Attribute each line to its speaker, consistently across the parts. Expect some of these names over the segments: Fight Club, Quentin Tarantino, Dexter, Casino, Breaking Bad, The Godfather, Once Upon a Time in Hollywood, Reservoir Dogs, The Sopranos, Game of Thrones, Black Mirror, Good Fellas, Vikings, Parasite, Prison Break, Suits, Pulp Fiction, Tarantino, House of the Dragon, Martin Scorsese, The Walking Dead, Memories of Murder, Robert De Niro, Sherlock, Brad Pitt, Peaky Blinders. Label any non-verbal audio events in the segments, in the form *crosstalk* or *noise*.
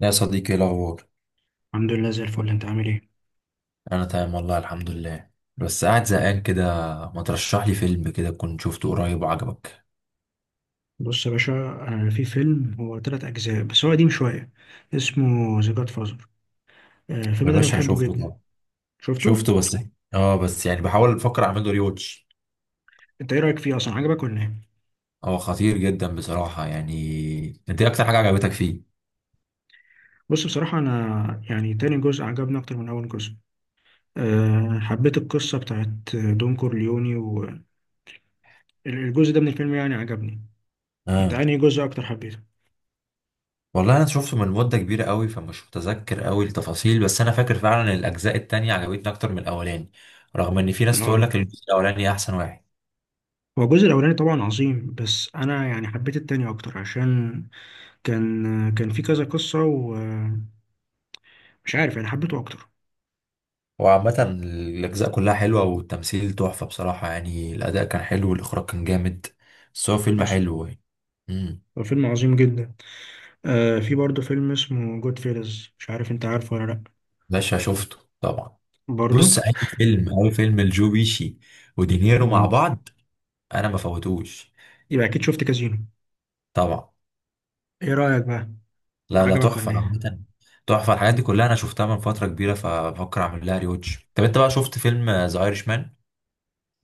Speaker 1: لا يا صديقي، ايه الاخبار؟
Speaker 2: الحمد لله زي الفل. انت عامل ايه؟
Speaker 1: انا تمام والله الحمد لله. بس قاعد زهقان كده. ما ترشح لي فيلم كده كنت شفته قريب وعجبك؟
Speaker 2: بص يا باشا، في فيلم هو تلات اجزاء بس هو قديم شويه. اسمه ذا جاد فازر.
Speaker 1: يا
Speaker 2: الفيلم ده انا
Speaker 1: باشا انا
Speaker 2: بحبه
Speaker 1: شفته
Speaker 2: جدا.
Speaker 1: طبعا.
Speaker 2: شفته.
Speaker 1: شفته بس. اه بس يعني بحاول افكر اعمله ريوتش.
Speaker 2: انت ايه رايك فيه؟ اصلا عجبك ولا ايه؟
Speaker 1: هو خطير جدا بصراحة. يعني انت إيه اكتر حاجة عجبتك فيه؟
Speaker 2: بص، بصراحه انا يعني تاني جزء عجبني اكتر من اول جزء. حبيت القصه بتاعت دون كورليوني. والجزء ده من الفيلم يعني عجبني. انت
Speaker 1: اه
Speaker 2: انهي جزء اكتر حبيته؟
Speaker 1: والله انا شفته من مدة كبيرة قوي، فمش متذكر قوي التفاصيل، بس انا فاكر فعلا إن الاجزاء التانية عجبتني اكتر من الاولاني، رغم ان في ناس تقول
Speaker 2: اه،
Speaker 1: لك الجزء الاولاني احسن واحد.
Speaker 2: هو الجزء الاولاني طبعا عظيم بس انا يعني حبيت التاني اكتر عشان كان كان في كذا قصه، ومش عارف، يعني حبيته اكتر.
Speaker 1: هو عامة الأجزاء كلها حلوة، والتمثيل تحفة بصراحة، يعني الأداء كان حلو والإخراج كان جامد. بس هو فيلم
Speaker 2: حصل.
Speaker 1: حلو يعني. امم
Speaker 2: هو فيلم عظيم جدا. آه، في برضه فيلم اسمه جود فيلز، مش عارف انت عارفه ولا لا.
Speaker 1: باشا شفته طبعا.
Speaker 2: برضه.
Speaker 1: بص، أي فيلم، أي فيلم لجو بيشي ودينيرو مع
Speaker 2: مم.
Speaker 1: بعض أنا ما فوتوش
Speaker 2: يبقى اكيد شفت كازينو.
Speaker 1: طبعا.
Speaker 2: ايه رأيك بقى؟
Speaker 1: لا لا،
Speaker 2: عجبك
Speaker 1: تحفة
Speaker 2: ولا ايه؟
Speaker 1: عامة. تحفة. الحاجات دي كلها أنا شفتها من فترة كبيرة، فبفكر أعمل لها ريوتش. طب أنت بقى شفت فيلم ذا أيرش مان؟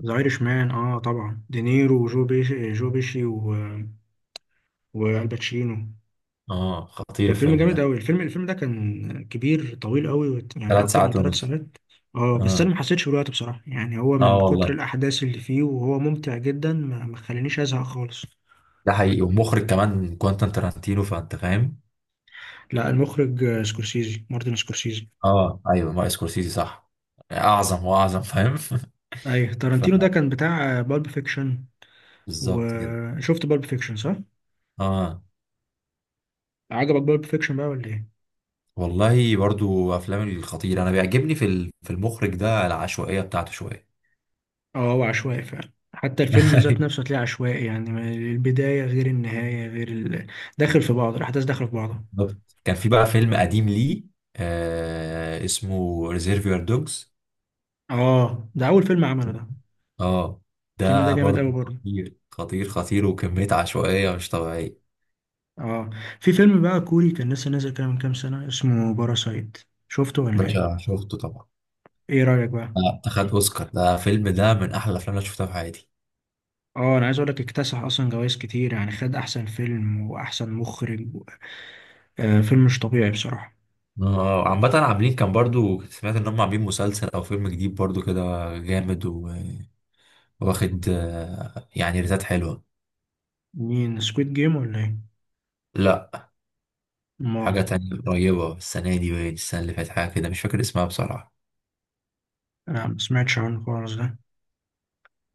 Speaker 2: ذا ايرش مان، اه طبعا، دينيرو وجو بيشي والباتشينو.
Speaker 1: آه خطير
Speaker 2: كان فيلم
Speaker 1: الفيلم
Speaker 2: جامد
Speaker 1: ده.
Speaker 2: قوي. الفيلم ده كان كبير طويل قوي يعني
Speaker 1: ثلاث
Speaker 2: اكتر من
Speaker 1: ساعات
Speaker 2: ثلاث
Speaker 1: ونص.
Speaker 2: ساعات اه، بس انا
Speaker 1: آه.
Speaker 2: ما حسيتش بالوقت بصراحه. يعني هو من
Speaker 1: آه
Speaker 2: كتر
Speaker 1: والله،
Speaker 2: الاحداث اللي فيه وهو ممتع جدا، ما خلانيش ازهق خالص.
Speaker 1: ده حقيقي. ومخرج كمان كوانتين تارانتينو، فأنت فاهم.
Speaker 2: لا، المخرج سكورسيزي، مارتن سكورسيزي.
Speaker 1: اه ايوه مارتن سكورسيزي، صح. اعظم واعظم، فاهم.
Speaker 2: ايوه،
Speaker 1: *laughs* ف
Speaker 2: تارانتينو ده كان بتاع بالب فيكشن.
Speaker 1: بالظبط كده.
Speaker 2: وشفت بالب فيكشن صح؟
Speaker 1: اه
Speaker 2: عجبك بالب فيكشن بقى ولا ايه؟
Speaker 1: والله، برضو افلام الخطير انا بيعجبني. في المخرج ده العشوائيه بتاعته شويه.
Speaker 2: اه، هو عشوائي فعلا، حتى
Speaker 1: *laughs*
Speaker 2: الفيلم ذات
Speaker 1: أيوة،
Speaker 2: نفسه هتلاقيه عشوائي يعني البداية غير النهاية غير داخل في بعض الأحداث، داخلة في بعضها.
Speaker 1: بالظبط. كان في بقى فيلم قديم ليه، آه اسمه ريزيرفير دوجز.
Speaker 2: اه، ده أول فيلم عمله ده.
Speaker 1: اه
Speaker 2: الفيلم ده
Speaker 1: ده
Speaker 2: جامد
Speaker 1: برضو
Speaker 2: أوي برضه.
Speaker 1: خطير خطير خطير، وكميه عشوائيه مش طبيعيه.
Speaker 2: اه. في فيلم بقى كوري كان لسه نازل كده من كام سنة، اسمه باراسايت. شفته ولا ايه؟
Speaker 1: باشا شفته طبعا.
Speaker 2: ايه رأيك بقى؟
Speaker 1: اخد اوسكار. ده فيلم، ده من احلى الافلام اللي أنا شفتها في حياتي.
Speaker 2: اه، انا عايز اقول لك اكتسح اصلا جوائز كتير، يعني خد احسن فيلم واحسن مخرج و... فيلم مش طبيعي بصراحة.
Speaker 1: اه عامة عاملين، كان برضو كنت سمعت ان هم عاملين مسلسل او فيلم جديد برضو كده. جامد واخد، يعني ريتات حلوة.
Speaker 2: مين، سكويد جيم ولا ايه؟
Speaker 1: لا،
Speaker 2: ما
Speaker 1: حاجة تانية قريبة، السنة دي باين السنة اللي فاتت، حاجة كده مش فاكر اسمها بصراحة.
Speaker 2: انا ما سمعتش عنه خالص ده.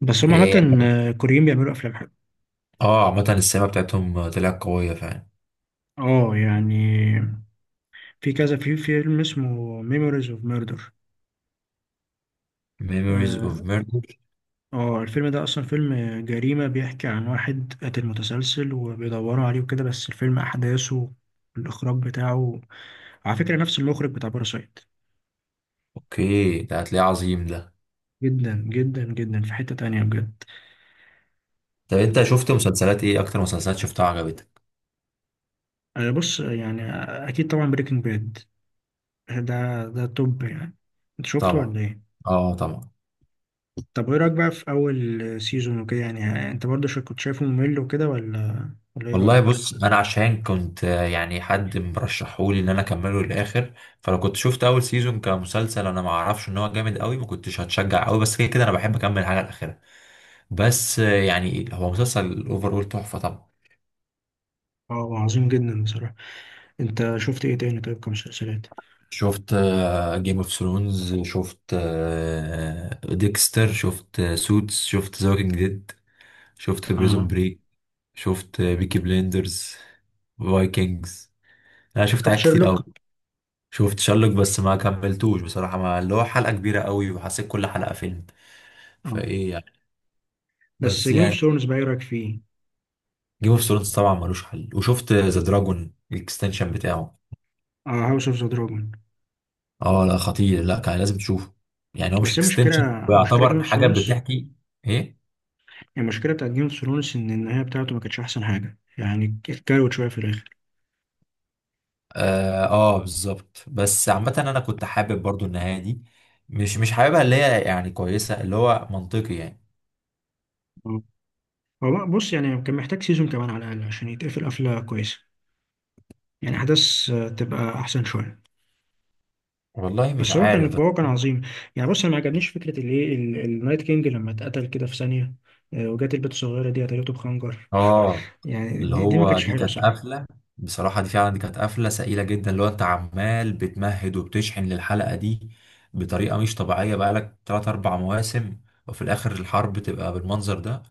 Speaker 2: بس هم
Speaker 1: ايه.
Speaker 2: عامة كوريين بيعملوا افلام حلوه.
Speaker 1: اه عامة السماء بتاعتهم طلعت قوية فعلا.
Speaker 2: اه يعني. في فيلم اسمه ميموريز اوف ميردر.
Speaker 1: Memories of
Speaker 2: اه.
Speaker 1: Murder.
Speaker 2: الفيلم ده اصلا فيلم جريمة، بيحكي عن واحد قاتل متسلسل وبيدوروا عليه وكده. بس الفيلم احداثه، الاخراج بتاعه، على فكرة نفس المخرج بتاع باراسايت.
Speaker 1: اوكي، ده هتلاقيه عظيم ده.
Speaker 2: جدا جدا جدا في حتة تانية بجد.
Speaker 1: طب انت شفت مسلسلات ايه؟ اكتر مسلسلات شفتها عجبتك؟
Speaker 2: بص يعني اكيد طبعا بريكنج باد ده ده توب يعني. انت شفته
Speaker 1: طبعا.
Speaker 2: ولا ايه؟
Speaker 1: اه طبعا.
Speaker 2: طب ايه رأيك بقى في أول سيزون وكده؟ يعني أنت برضه كنت شايفه ممل وكده ولا ايه
Speaker 1: والله
Speaker 2: رأيك؟
Speaker 1: بص، انا عشان كنت، يعني حد مرشحولي ان انا اكمله للاخر. فلو كنت شفت اول سيزون كمسلسل انا ما اعرفش ان هو جامد قوي، ما كنتش هتشجع قوي. بس كده كده انا بحب اكمل حاجه الاخيره. بس يعني هو مسلسل اوفر تحفه طبعا.
Speaker 2: اه، عظيم جدا بصراحة. أنت شفت ايه تاني طيب كمسلسلات؟
Speaker 1: شفت جيم اوف ثرونز، شفت ديكستر، شفت سوتس، شفت ذا ووكينج ديد، شفت بريزون
Speaker 2: اه.
Speaker 1: بريك، شفت بيكي بليندرز، فايكنجز. انا شفت
Speaker 2: شفت
Speaker 1: حاجات كتير
Speaker 2: شيرلوك؟
Speaker 1: قوي. شفت شارلوك، بس ما كملتوش بصراحة. ما اللي هو حلقة كبيرة قوي وحسيت كل حلقة فيلم،
Speaker 2: اه.
Speaker 1: فايه يعني.
Speaker 2: بس
Speaker 1: بس
Speaker 2: جيم اوف
Speaker 1: يعني
Speaker 2: ثرونز بقى ايه رأيك فيه؟
Speaker 1: جيم اوف ثرونز طبعا ملوش حل. وشفت ذا دراجون الاكستنشن بتاعه.
Speaker 2: اه، هاوس اوف ذا دراجون.
Speaker 1: اه لا خطير، لا كان لازم تشوفه. يعني هو مش
Speaker 2: بس هي مشكلة،
Speaker 1: اكستنشن،
Speaker 2: مشكلة جيم
Speaker 1: ويعتبر
Speaker 2: اوف
Speaker 1: حاجة
Speaker 2: ثرونز.
Speaker 1: بتحكي. ايه.
Speaker 2: المشكلة بتاعت جيم اوف ثرونز إن النهاية بتاعته ما كانتش أحسن حاجة يعني، اتكروت شوية في الآخر.
Speaker 1: اه, آه بالظبط. بس عامة انا كنت حابب برضو النهاية دي. مش حاببها، اللي هي يعني كويسة، اللي هو منطقي يعني.
Speaker 2: آه. هو بص يعني كان محتاج سيزون كمان على الأقل عشان يتقفل قفلة كويسة. يعني أحداث تبقى أحسن شوية.
Speaker 1: والله مش
Speaker 2: بس هو
Speaker 1: عارف.
Speaker 2: كان
Speaker 1: بس
Speaker 2: هو كان عظيم. يعني بص انا ما عجبنيش فكره النايت كينج لما اتقتل كده في ثانيه. وجات البت الصغيره دي قتلته بخنجر.
Speaker 1: اه،
Speaker 2: يعني
Speaker 1: اللي
Speaker 2: دي ما
Speaker 1: هو
Speaker 2: كانتش
Speaker 1: دي
Speaker 2: حلوه
Speaker 1: كانت
Speaker 2: بصراحه.
Speaker 1: قفله. بصراحه دي فعلا، دي كانت قفله سئيله جدا. اللي هو انت عمال بتمهد وبتشحن للحلقه دي بطريقه مش طبيعيه بقالك 3 4 مواسم، وفي الاخر الحرب تبقى بالمنظر ده.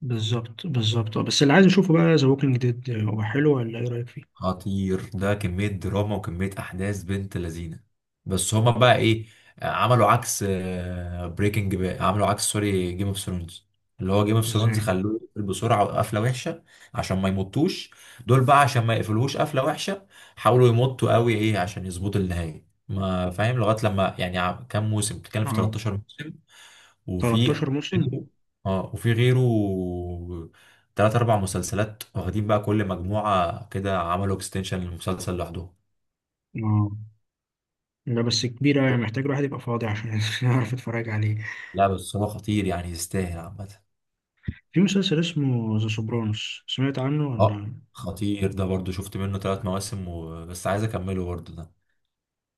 Speaker 2: بالظبط بالظبط. بس اللي عايز اشوفه بقى ذا ووكينج ديد، هو حلو ولا ايه رايك فيه؟
Speaker 1: خطير ده، كمية دراما وكمية أحداث بنت لذينة. بس هما بقى إيه، عملوا عكس بريكنج بقى، عملوا عكس سوري، جيم اوف ثرونز، اللي هو جيم اوف ثرونز
Speaker 2: ازاي؟
Speaker 1: خلوه يقفل بسرعة وقفلة وحشة عشان ما يمطوش. دول بقى عشان ما يقفلوش قفلة وحشة حاولوا يمطوا قوي. إيه، عشان يظبطوا النهاية ما فاهم. لغاية لما يعني كام موسم بتتكلم؟ في
Speaker 2: اه.
Speaker 1: 13 موسم. وفي
Speaker 2: 13 موسم.
Speaker 1: اه، وفي غيره تلات أربع مسلسلات واخدين بقى كل مجموعة كده، عملوا اكستنشن للمسلسل لوحدهم.
Speaker 2: اه. لا بس كبيره، يعني محتاج الواحد يبقى فاضي عشان *laughs* يعرف يتفرج عليه.
Speaker 1: لا بس هو خطير يعني، يستاهل عامة.
Speaker 2: في مسلسل اسمه ذا سوبرانوس، سمعت عنه
Speaker 1: اه
Speaker 2: ولا؟
Speaker 1: خطير ده برضو. شفت منه تلات مواسم وبس، عايز أكمله برضو ده.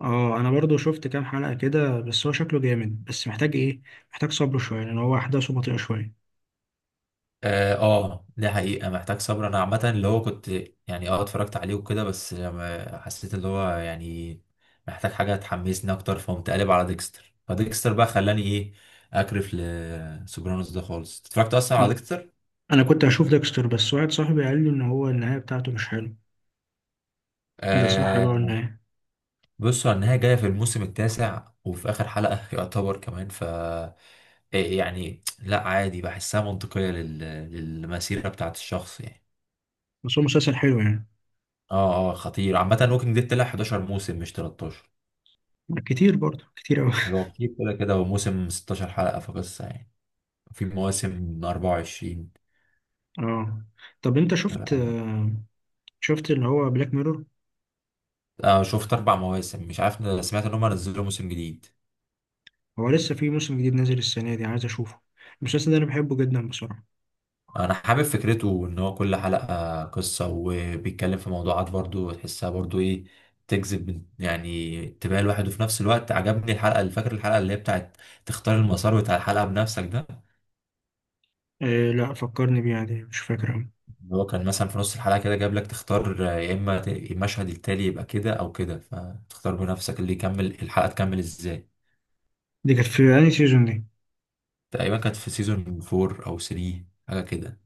Speaker 2: اه انا برضو شفت كام حلقة كده بس هو شكله جامد. بس محتاج ايه، محتاج صبر شوية لان هو احداثه بطيئة شوية.
Speaker 1: اه آه، دي حقيقة محتاج صبر. انا عامة اللي هو كنت، يعني اه اتفرجت عليه وكده. بس لما حسيت اللي هو يعني محتاج حاجة تحمسني اكتر، فقمت قالب على ديكستر. فديكستر بقى خلاني ايه، اكرف لسوبرانوس ده خالص، اتفرجت اصلا على
Speaker 2: انا
Speaker 1: ديكستر.
Speaker 2: أنا كنت هشوف ديكستر بس واحد صاحبي قال لي ان هو النهاية بتاعته مش حلو. ده صح
Speaker 1: آه.
Speaker 2: بقى النهاية؟
Speaker 1: بصوا على النهاية جاية في الموسم التاسع، وفي اخر حلقة *laughs* يعتبر كمان، ف إيه يعني. لا عادي، بحسها منطقية للمسيرة بتاعت الشخص يعني.
Speaker 2: بس هو مسلسل حلو يعني.
Speaker 1: اه اه خطير عامة. ووكينج ديد طلع 11 موسم مش 13.
Speaker 2: كتير برضو، كتير اوي *laughs*
Speaker 1: هو كتير كده كده. هو موسم 16 حلقة في قصة يعني. في مواسم 24.
Speaker 2: اه. طب انت شفت
Speaker 1: لا
Speaker 2: شفت اللي هو بلاك ميرور؟
Speaker 1: أنا شفت أربع مواسم. مش عارف، أنا سمعت إن هم نزلوا موسم جديد.
Speaker 2: هو لسه في موسم جديد نازل السنة دي، عايز اشوفه. المسلسل ده انا بحبه جدا بصراحة.
Speaker 1: أنا حابب فكرته إن هو كل حلقة قصة، وبيتكلم في موضوعات برضو تحسها برضو إيه، تجذب يعني انتباه الواحد. وفي نفس الوقت عجبني الحلقة، اللي فاكر الحلقة اللي هي بتاعت تختار المسار بتاع الحلقة بنفسك ده.
Speaker 2: إيه، لا فكرني بيه عادي، مش فاكر أوي.
Speaker 1: اللي هو كان مثلا في نص الحلقة كده جاب لك تختار، يا إما المشهد التالي يبقى كده أو كده، فتختار بنفسك اللي يكمل الحلقة تكمل إزاي.
Speaker 2: دي كانت في انهي سيزون دي؟
Speaker 1: تقريبا كانت في سيزون 4 او 3، حاجه كده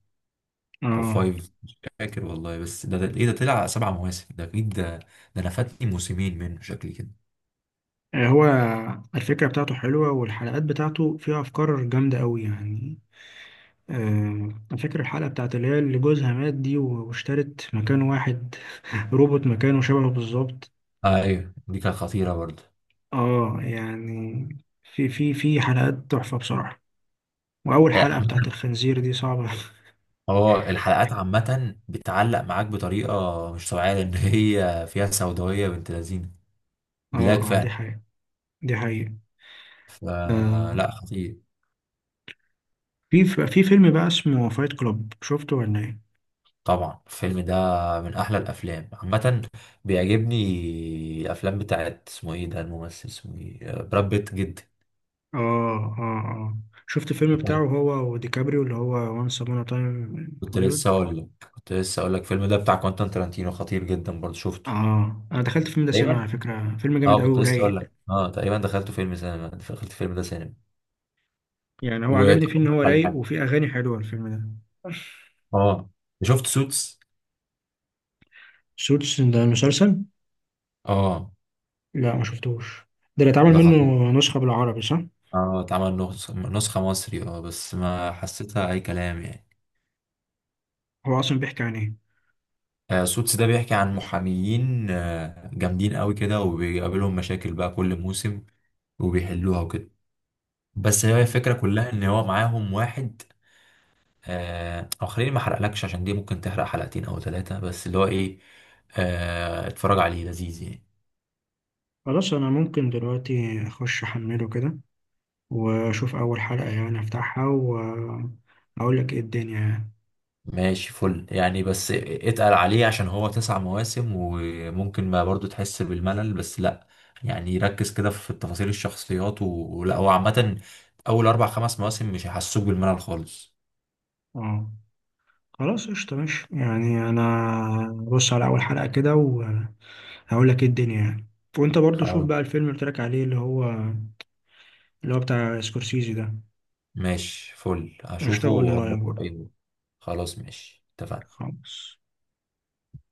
Speaker 1: او
Speaker 2: اه.
Speaker 1: 5. فاكر والله. بس ده ايه؟ ده طلع سبع مواسم ده اكيد ده. ده انا فاتني موسمين منه شكلي كده.
Speaker 2: هو الفكرة بتاعته حلوة والحلقات بتاعته فيها أفكار جامدة أوي يعني. آه، أنا فاكر الحلقة بتاعت اللي هي اللي جوزها مات دي واشترت مكان واحد *laughs* روبوت مكانه شبهه بالظبط.
Speaker 1: آه ايوه، دي كانت خطيره برضه.
Speaker 2: اه يعني في حلقات تحفة بصراحة. وأول حلقة بتاعت
Speaker 1: عامة
Speaker 2: الخنزير دي صعبة *laughs*
Speaker 1: اه الحلقات عامة بتعلق معاك بطريقة مش طبيعية، لأن هي فيها سوداوية بنت لذينة،
Speaker 2: اه،
Speaker 1: بلاك
Speaker 2: اه، دي
Speaker 1: فعلا.
Speaker 2: حقيقة. دي حقيقة. آه،
Speaker 1: فلا خطير.
Speaker 2: في فيلم بقى اسمه فايت كلوب، شفته ولا ايه؟
Speaker 1: طبعا الفيلم ده من أحلى الأفلام عامة. بيعجبني الأفلام بتاعت اسمه إيه ده، الممثل اسمه إيه، براد بيت جدا.
Speaker 2: اه، اه، اه. شفت الفيلم بتاعه هو وديكابريو اللي هو وانس ابون تايم؟
Speaker 1: كنت لسه اقول لك الفيلم ده بتاع كوانتين ترانتينو خطير جدا برضه، شفته
Speaker 2: اه، انا دخلت الفيلم ده سينما،
Speaker 1: تقريبا.
Speaker 2: على فكره فيلم جامد
Speaker 1: اه
Speaker 2: قوي
Speaker 1: كنت لسه اقول
Speaker 2: ورايق.
Speaker 1: لك. اه تقريبا دخلته فيلم سينما، دخلت فيلم ده سينما.
Speaker 2: يعني هو
Speaker 1: و
Speaker 2: عجبني فيه ان هو
Speaker 1: على
Speaker 2: رايق
Speaker 1: حاجة.
Speaker 2: وفيه اغاني حلوه الفيلم ده.
Speaker 1: اه. شفت سوتس.
Speaker 2: سوتس ده المسلسل؟
Speaker 1: اه.
Speaker 2: لا، ما شفتوش. ده اللي اتعمل
Speaker 1: ده
Speaker 2: منه
Speaker 1: خطير.
Speaker 2: نسخه بالعربي صح؟
Speaker 1: اه اتعمل نسخة مصري، اه بس ما حسيتها اي كلام يعني.
Speaker 2: هو اصلا بيحكي عن ايه؟
Speaker 1: آه سوتس ده بيحكي عن محاميين آه جامدين قوي كده، وبيقابلهم مشاكل بقى كل موسم، وبيحلوها وكده. بس هي الفكرة كلها ان هو معاهم واحد، او خليني ما احرقلكش عشان دي ممكن تحرق حلقتين او ثلاثة. بس اللي هو ايه، اتفرج عليه لذيذ يعني.
Speaker 2: خلاص انا ممكن دلوقتي اخش احمله كده واشوف اول حلقه، يعني افتحها واقول لك ايه الدنيا يعني.
Speaker 1: ماشي فل يعني، بس اتقل عليه عشان هو تسع مواسم وممكن ما برضو تحس بالملل. بس لا يعني، ركز كده في تفاصيل الشخصيات ولا هو عامة اول اربع خمس مواسم مش هيحسوك بالملل خالص.
Speaker 2: اه خلاص، قشطه ماشي، يعني انا بص على اول حلقه كده وهقول لك ايه الدنيا يعني. وانت برضو شوف
Speaker 1: خلاص
Speaker 2: بقى الفيلم اللي قلت لك عليه اللي هو بتاع سكورسيزي ده.
Speaker 1: ماشي فل،
Speaker 2: قشطة،
Speaker 1: هشوفه
Speaker 2: قول لي
Speaker 1: واقول
Speaker 2: رأيك
Speaker 1: لك
Speaker 2: برضه.
Speaker 1: رأيي. خلاص ماشي، اتفقنا.
Speaker 2: خلاص.